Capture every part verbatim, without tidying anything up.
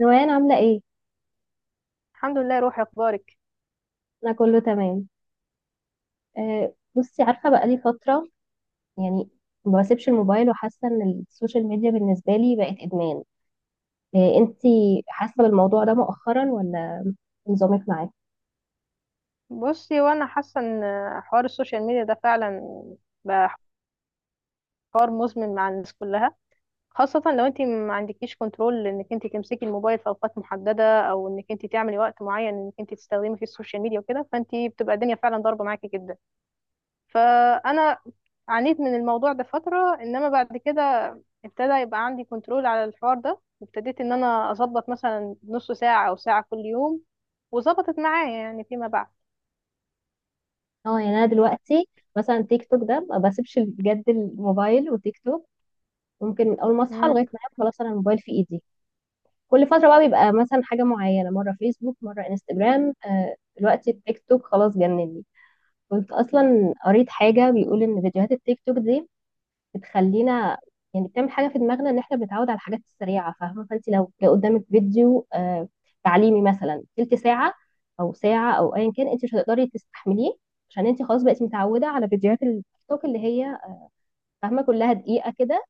روان عاملة ايه؟ الحمد لله. روحي اخبارك. أنا كله تمام. أه بصي، عارفة بقالي فترة يعني ما بسيبش الموبايل وحاسة إن السوشيال ميديا بالنسبة لي بقت إدمان. أه انتي حاسة بالموضوع ده مؤخرا ولا نظامك معاه؟ بصي وانا حاسه ان حوار السوشيال ميديا ده فعلا بقى حوار مزمن مع الناس كلها، خاصه لو انت ما عندكيش كنترول انك انت تمسكي الموبايل في اوقات محدده، او انك انت تعملي وقت معين انك انت تستخدمي فيه السوشيال ميديا وكده، فانت بتبقى الدنيا فعلا ضاربه معاكي جدا. فانا عانيت من الموضوع ده فتره، انما بعد كده ابتدى يبقى عندي كنترول على الحوار ده، ابتديت ان انا اظبط مثلا نص ساعه او ساعه كل يوم، وظبطت معايا يعني فيما بعد. اه يعني أنا دلوقتي مثلا تيك توك ده ما بسيبش بجد الموبايل وتيك توك ممكن من أول ما أصحى لغاية ما أنام، خلاص أنا الموبايل في إيدي. كل فترة بقى بيبقى مثلا حاجة معينة، مرة فيسبوك مرة انستجرام، أه دلوقتي التيك توك خلاص جنني. كنت اصلا قريت حاجه بيقول ان فيديوهات التيك توك دي بتخلينا يعني بتعمل حاجه في دماغنا ان احنا بنتعود على الحاجات السريعه، فاهمه، فانت لو جه قدامك فيديو آه، تعليمي مثلا تلت ساعه او ساعه او ايا كان انت مش هتقدري تستحمليه عشان انت خلاص بقيتي متعوده على فيديوهات التيك توك اللي هي فاهمه كلها دقيقه كده.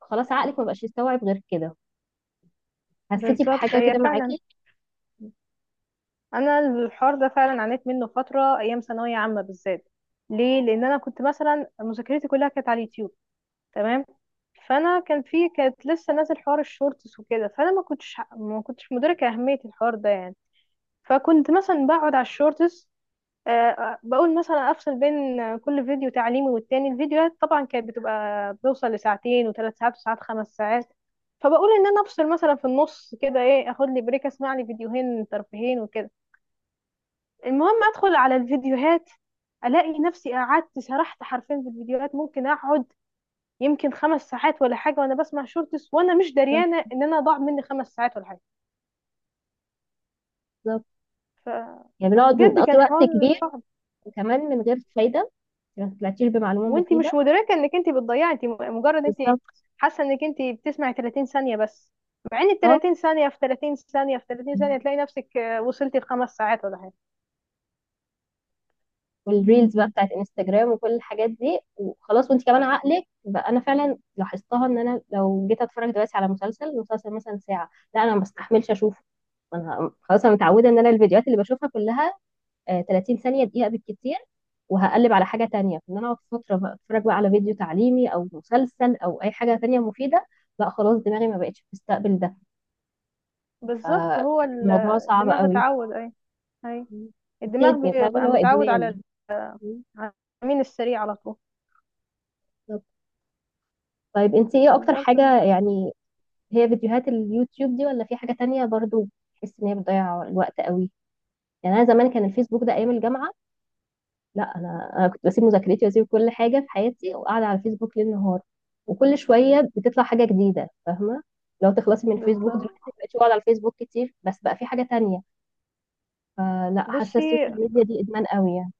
خلاص عقلك ما بقاش يستوعب غير كده. حسيتي بالظبط، بحاجه هي كده فعلا. معاكي؟ انا الحوار ده فعلا عانيت منه فتره ايام ثانويه عامه بالذات. ليه؟ لان انا كنت مثلا مذاكرتي كلها كانت على اليوتيوب، تمام؟ فانا كان في كانت لسه نازل حوار الشورتس وكده، فانا ما كنتش ما كنتش مدركه اهميه الحوار ده يعني. فكنت مثلا بقعد على الشورتس، آه، بقول مثلا افصل بين كل فيديو تعليمي والتاني. الفيديوهات طبعا كانت بتبقى بتوصل لساعتين وثلاث ساعات، وساعات خمس ساعات. فبقول ان انا افصل مثلا في النص كده، ايه، اخد لي بريك، اسمع لي فيديوهين ترفيهين وكده. المهم ادخل على الفيديوهات، الاقي نفسي قعدت سرحت حرفيا في الفيديوهات. ممكن اقعد يمكن خمس ساعات ولا حاجه وانا بسمع شورتس وانا مش دريانه ان انا ضاع مني خمس ساعات ولا حاجه. بالظبط، ف... يعني بنقعد فبجد نقضي كان وقت حوار كبير صعب. وكمان من غير فايده، ما طلعتيش بمعلومه وانت مفيده. مش مدركه انك انت بتضيعي، انت مجرد انت بالظبط. حاسه انك انت بتسمعي ثلاثين ثانيه بس، مع ان ال ثلاثين ثانيه في ثلاثين ثانيه في ثلاثين ثانيه اه تلاقي نفسك آه، وصلتي لخمس ساعات ولا حاجه. والريلز بقى بتاعت انستجرام وكل الحاجات دي، وخلاص وانت كمان عقلك بقى، انا فعلا لاحظتها ان انا لو جيت اتفرج دلوقتي على مسلسل، المسلسل مثلا ساعه لا انا ما بستحملش اشوفه. انا خلاص انا متعوده ان انا الفيديوهات اللي بشوفها كلها آه، ثلاثين ثانيه دقيقه بالكتير، وهقلب على حاجه تانية ان انا اقعد فتره بقى اتفرج بقى على فيديو تعليمي او مسلسل او اي حاجه تانية مفيده، لا خلاص دماغي ما بقتش بتستقبل ده. بالظبط. هو ال- فالموضوع صعب الدماغ قوي. اتعود. اي اي بس الدماغ إيه، فاهمه اللي بيبقى هو متعود على ال- ادمان. على الامين السريع على طول. طيب انت ايه اكتر بالظبط. حاجة يعني، هي فيديوهات اليوتيوب دي ولا في حاجة تانية؟ برضو بحس ان هي بتضيع الوقت قوي. يعني انا زمان كان الفيسبوك ده ايام الجامعة، لا انا انا كنت بسيب مذاكرتي واسيب كل حاجة في حياتي وقاعدة على الفيسبوك ليل نهار، وكل شوية بتطلع حاجة جديدة، فاهمة؟ لو تخلصي من الفيسبوك بالظبط دلوقتي ما بقتش بقعد على الفيسبوك كتير بس بقى في حاجة تانية. فلا، حاسة بصي السوشيال ميديا دي ادمان قوي يعني.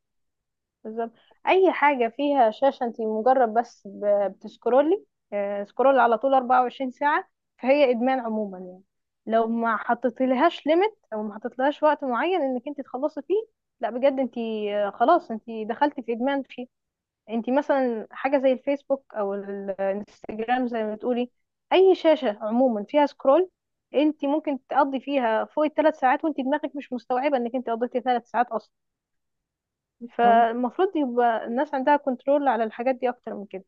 بالظبط اي حاجه فيها شاشه، انت مجرد بس ب- بتسكرولي، آه، سكرول على طول اربعه وعشرين ساعه. فهي ادمان عموما يعني. لو ما حطيتلهاش ليميت او ما حطيتلهاش وقت معين انك انت تخلصي فيه، لا بجد انت آه، خلاص انت دخلتي في ادمان فيه. انت مثلا حاجه زي الفيسبوك، او ال- الانستجرام زي ما بتقولي، اي شاشه عموما فيها سكرول، انت ممكن تقضي فيها فوق الثلاث ساعات وانت دماغك مش مستوعبه انك انت قضيتي ثلاث ساعات. اه، فالمفروض يبقى الناس عندها كنترول على الحاجات دي اكتر من كده.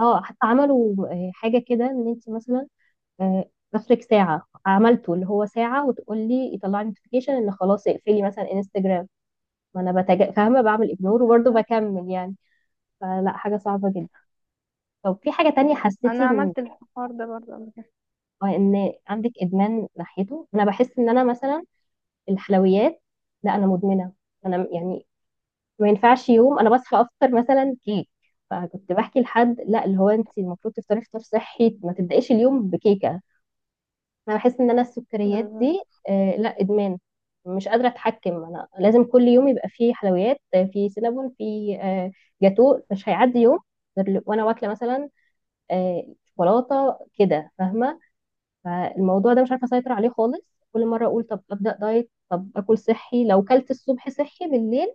اه، حتى عملوا اه، حاجة كده ان انت مثلا آه، اخرك ساعة، عملته اللي هو ساعة وتقول لي يطلع لي نوتيفيكيشن ان خلاص اقفلي مثلا انستجرام. ما انا بتج... فاهمة بعمل اجنور وبرضه بالظبط. بكمل يعني. فلا، حاجة صعبة جدا. طب في حاجة تانية حسيتي انا ان عملت الحوار ده برضه قبل كده. آه، ان عندك ادمان ناحيته؟ انا بحس ان انا مثلا الحلويات، لا انا مدمنة، انا يعني ما ينفعش يوم انا بصحى افطر مثلا كيك. فكنت بحكي لحد لا، اللي هو انت المفروض تفطري فطار صحي ما تبدايش اليوم بكيكه. انا بحس ان انا السكريات دي بالظبط. آه لا ادمان، مش قادره اتحكم، انا لازم كل يوم يبقى فيه حلويات، آه، فيه سينابون فيه آه جاتو، مش هيعدي يوم غير ل- وانا واكله مثلا آه شوكولاته كده، فاهمه؟ فالموضوع ده مش عارفه اسيطر عليه خالص. كل مره اقول طب ابدا دايت، طب اكل صحي، لو كلت الصبح صحي بالليل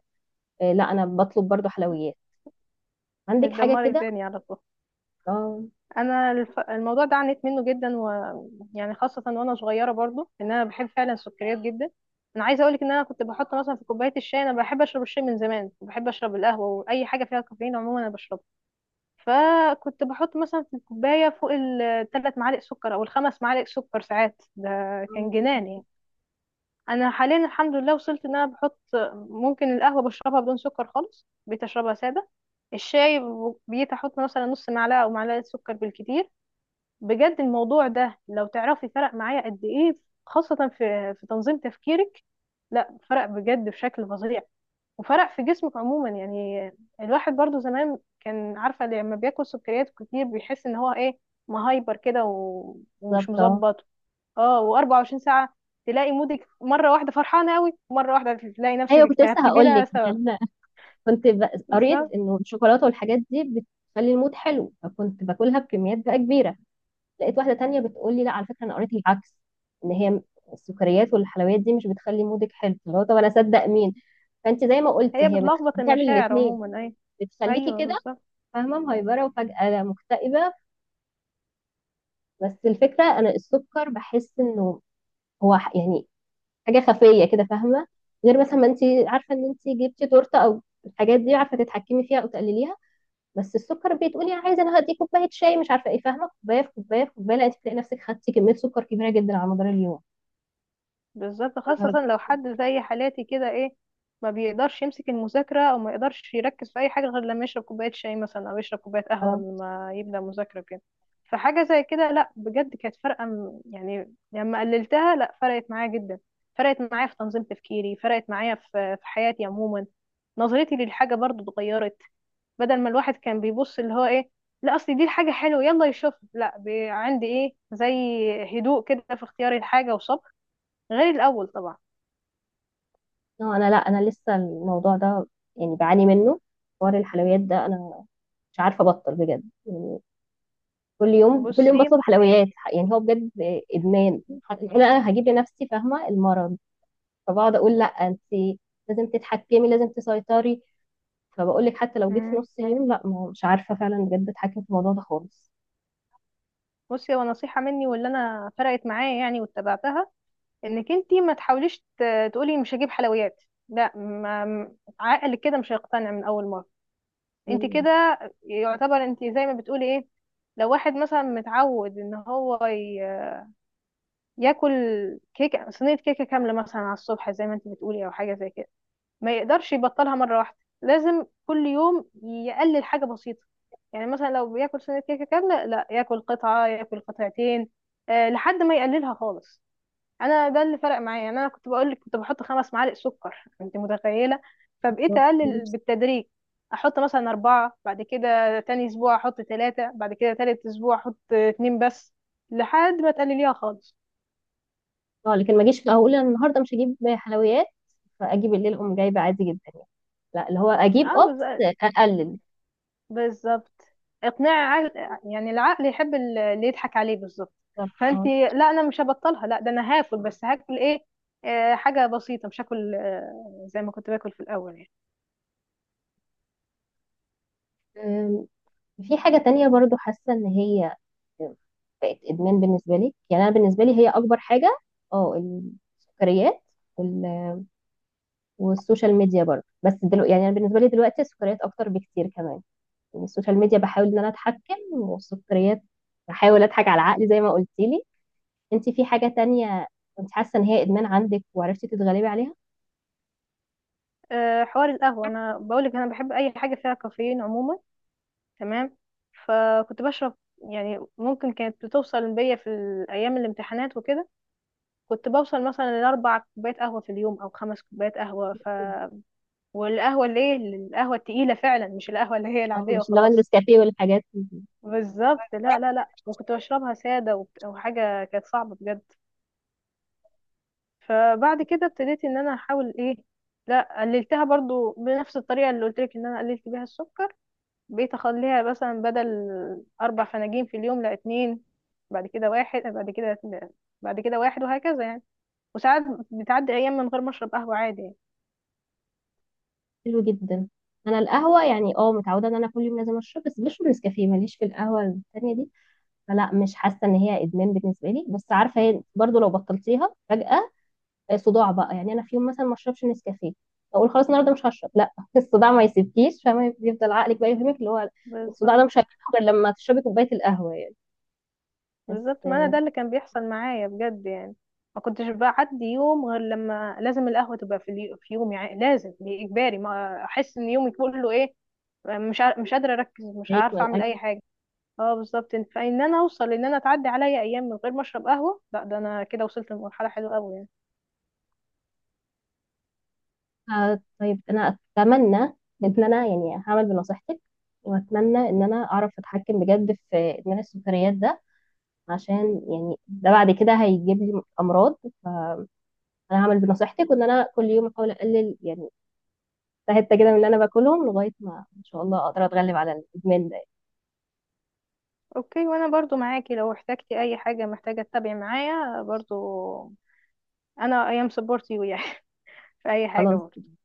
آه لا انا بطلب برضو حلويات. عندك حاجه متدمر كده؟ الدنيا على طول. اه. انا الف... الموضوع ده عانيت منه جدا، و، يعني، خاصه وانا صغيره برضه، ان انا بحب فعلا السكريات جدا. انا عايزه اقول لك ان انا كنت بحط مثلا في كوبايه الشاي، انا بحب اشرب الشاي من زمان وبحب اشرب القهوه واي حاجه فيها كافيين عموما انا بشربها. فكنت بحط مثلا في الكوبايه فوق الثلاث معالق سكر او الخمس معالق سكر، ساعات ده اه كان كده. جنان يعني. انا حاليا الحمد لله وصلت ان انا بحط، ممكن القهوه بشربها بدون سكر خالص، بقيت اشربها ساده. الشاي ب- بقيت احط مثلا نص معلقه او معلقه سكر بالكتير. بجد الموضوع ده لو تعرفي فرق معايا قد ايه، خاصه في في تنظيم تفكيرك. لا فرق بجد بشكل فظيع، وفرق في جسمك عموما يعني. الواحد برضو زمان كان عارفه لما بياكل سكريات كتير بيحس ان هو ايه، مهايبر كده و- ومش بالظبط اه. مظبط. اه، و24 ساعة تلاقي مودك مرة واحدة فرحانة قوي ومرة واحدة تلاقي نفسك ايوه كنت لسه اكتئبتي هقول بلا لك سبب. يعني، كنت ب- قريت بالظبط، انه الشوكولاته والحاجات دي بتخلي المود حلو، فكنت باكلها بكميات بقى كبيره. لقيت واحده تانية بتقول لي لا على فكره، انا قريت العكس، ان هي السكريات والحلويات دي مش بتخلي مودك حلو، فاللي هو طب انا اصدق مين؟ فانت زي ما قلت هي هي بتخ... بتلخبط بتعمل المشاعر الاثنين، عموما. اي، بتخليكي ايوه، كده بالظبط. فاهمه مهيبره وفجاه لا مكتئبه. بس الفكره انا السكر بحس انه هو ح- يعني حاجه خفيه كده، فاهمه؟ غير مثلا ما انت عارفه ان انت جبتي تورته او الحاجات دي، عارفه تتحكمي فيها او تقلليها، بس السكر بتقولي عايزه انا هدي كوبايه شاي مش عارفه ايه، فاهمه، كوبايه في كوبايه في كوبايه، لا انت تلاقي نفسك خدتي كميه سكر كبيره جدا على مدار اليوم. بالظبط، أنا- خاصة لو حد زي حالاتي كده، ايه، ما بيقدرش يمسك المذاكرة او ما يقدرش يركز في اي حاجة غير لما يشرب كوباية شاي مثلا، او يشرب كوباية قهوة اه. قبل ما يبدأ مذاكرة كده. فحاجة زي كده، لا بجد كانت فارقة. م- يعني لما قللتها، لا فرقت معايا جدا. فرقت معايا في تنظيم تفكيري، فرقت معايا في في حياتي عموما. نظرتي للحاجة برضو اتغيرت. بدل ما الواحد كان بيبص اللي هو ايه، لا اصل دي الحاجة حلوة يلا يشوف، لا بي- عندي ايه، زي هدوء كده في اختياري الحاجة، وصبر، غير الاول طبعا. آه، انا لا انا لسه الموضوع ده يعني بعاني منه. حوار الحلويات ده انا مش عارفه ابطل بجد يعني، كل يوم كل يوم بصي، بطلب حلويات. يعني هو بجد ادمان، انا هجيب لنفسي فاهمه المرض. فبقعد اقول لا انت لازم تتحكمي، لازم تسيطري، فبقول لك حتى لو جيت في مم، نص اليوم لا، ما- مش عارفه فعلا بجد اتحكم في الموضوع ده خالص. بصي، هو نصيحة مني واللي انا فرقت معايا يعني واتبعتها: انك انتي ما تحاوليش ت- تقولي مش هجيب حلويات، لا، ما عقلك كده مش هيقتنع من اول مرة. انتي كده يعتبر انتي زي ما بتقولي، ايه، لو واحد مثلا متعود ان هو ي- ياكل كيكة صينية، كيكة كاملة مثلا على الصبح زي ما انتي بتقولي، او حاجة زي كده، ما يقدرش يبطلها مرة واحدة. لازم كل يوم يقلل حاجة بسيطة. يعني مثلا لو بياكل سنة كيكة كاملة، لا ياكل قطعة، ياكل قطعتين، أه لحد ما يقللها خالص. انا ده اللي فرق معايا يعني. انا كنت بقول لك كنت بحط خمس معالق سكر، انت متخيلة؟ فبقيت اه. اقلل بالتدريج، احط مثلا اربعة، بعد كده تاني اسبوع احط ثلاثة، بعد كده تالت اسبوع احط اتنين بس، لحد ما تقلليها خالص. لكن ما اجيش في الاول اقول انا النهارده مش هجيب حلويات فاجيب الليل اقوم جايبه عادي جدا، يعني لا اللي هو اجيب اه بس اه، اقلل. بالظبط، اقناع عقل. يعني العقل يحب ال- اللي يضحك عليه بالظبط. بالظبط فانت اه. لا، انا مش هبطلها، لا ده انا هاكل، بس هاكل ايه؟ آه حاجه بسيطه، مش هاكل آه زي ما كنت باكل في الاول يعني. أم، في حاجه تانية برضو حاسه ان هي بقت ادمان بالنسبه لي؟ يعني انا بالنسبه لي هي اكبر حاجه، اه، السكريات وال- والسوشيال ميديا برضو، بس دلوقتي يعني انا بالنسبه لي دلوقتي السكريات اكتر بكتير كمان. يعني السوشيال ميديا بحاول ان انا اتحكم، والسكريات بحاول اضحك على عقلي زي ما قلتيلي. انت في حاجة تانية كنت حاسة ان هي ادمان عندك وعرفتي تتغلبي عليها؟ آه حوار القهوه انا بقولك، انا بحب اي حاجه فيها كافيين عموما، تمام؟ فكنت بشرب، يعني ممكن كانت بتوصل بيا في الايام الامتحانات وكده، كنت بوصل مثلا لاربع كوبايات قهوه في اليوم او خمس كوبايات قهوه، ف والقهوه اللي هي القهوه التقيله فعلا، مش القهوه اللي هي اه العاديه مش اللي هو وخلاص. النسكافيه والحاجات دي. بالظبط، لا لا لا. وكنت بشربها سادة، وبت- وحاجة كانت صعبة بجد. فبعد كده ابتديت ان انا احاول، ايه، لا قللتها برضو بنفس الطريقة اللي قلت لك ان انا قللت بيها السكر. بقيت اخليها مثلا بدل اربع فناجين في اليوم، لا اتنين، بعد كده واحد، بعد كده اتنين، بعد كده واحد، وهكذا يعني. وساعات بتعدي ايام من غير ما اشرب قهوة عادي يعني. حلو جدا. انا القهوة يعني اه متعودة ان انا كل يوم لازم اشرب، بس بشرب نسكافيه، ماليش في القهوة التانية دي. فلا مش حاسة ان هي ادمان بالنسبة لي، بس عارفة هي برضو لو بطلتيها فجأة آه، صداع بقى. يعني انا في يوم مثلا ما اشربش نسكافيه، اقول خلاص النهارده مش هشرب، لا الصداع ما يسيبكيش، فما يفضل عقلك بقى يفهمك اللي هو الصداع بالظبط. ده مش هيروح غير لما تشربي كوباية القهوة يعني. بس بالظبط، ما انا آه، ده اللي كان بيحصل معايا بجد يعني. ما كنتش بعدي يوم غير لما لازم القهوه تبقى في اليو- في يومي، يعني لازم، دي اجباري، ما احس ان يومي كله ايه، مش عار- مش قادره اركز، مش عارفه هيكمل. اعمل اي حاجه. اه، بالظبط. إن- فان انا اوصل ان انا تعدي عليا ايام من غير ما اشرب قهوه، لا ده انا كده وصلت لمرحله حلوه قوي يعني. آه طيب انا اتمنى ان انا يعني هعمل بنصيحتك، واتمنى ان انا اعرف اتحكم بجد في ادمان السكريات ده، عشان يعني ده بعد كده هيجيب لي امراض. فانا هعمل بنصيحتك وان انا كل يوم احاول اقلل يعني حته كده من اللي انا باكلهم لغايه ما ان شاء الله اقدر اتغلب على الادمان ده. اوكي، وانا برضو معاكي لو احتجتي اي حاجه، محتاجه تتابعي معايا برضو. انا ايام سبورت يو يعني في اي حاجه برضو. خلاص.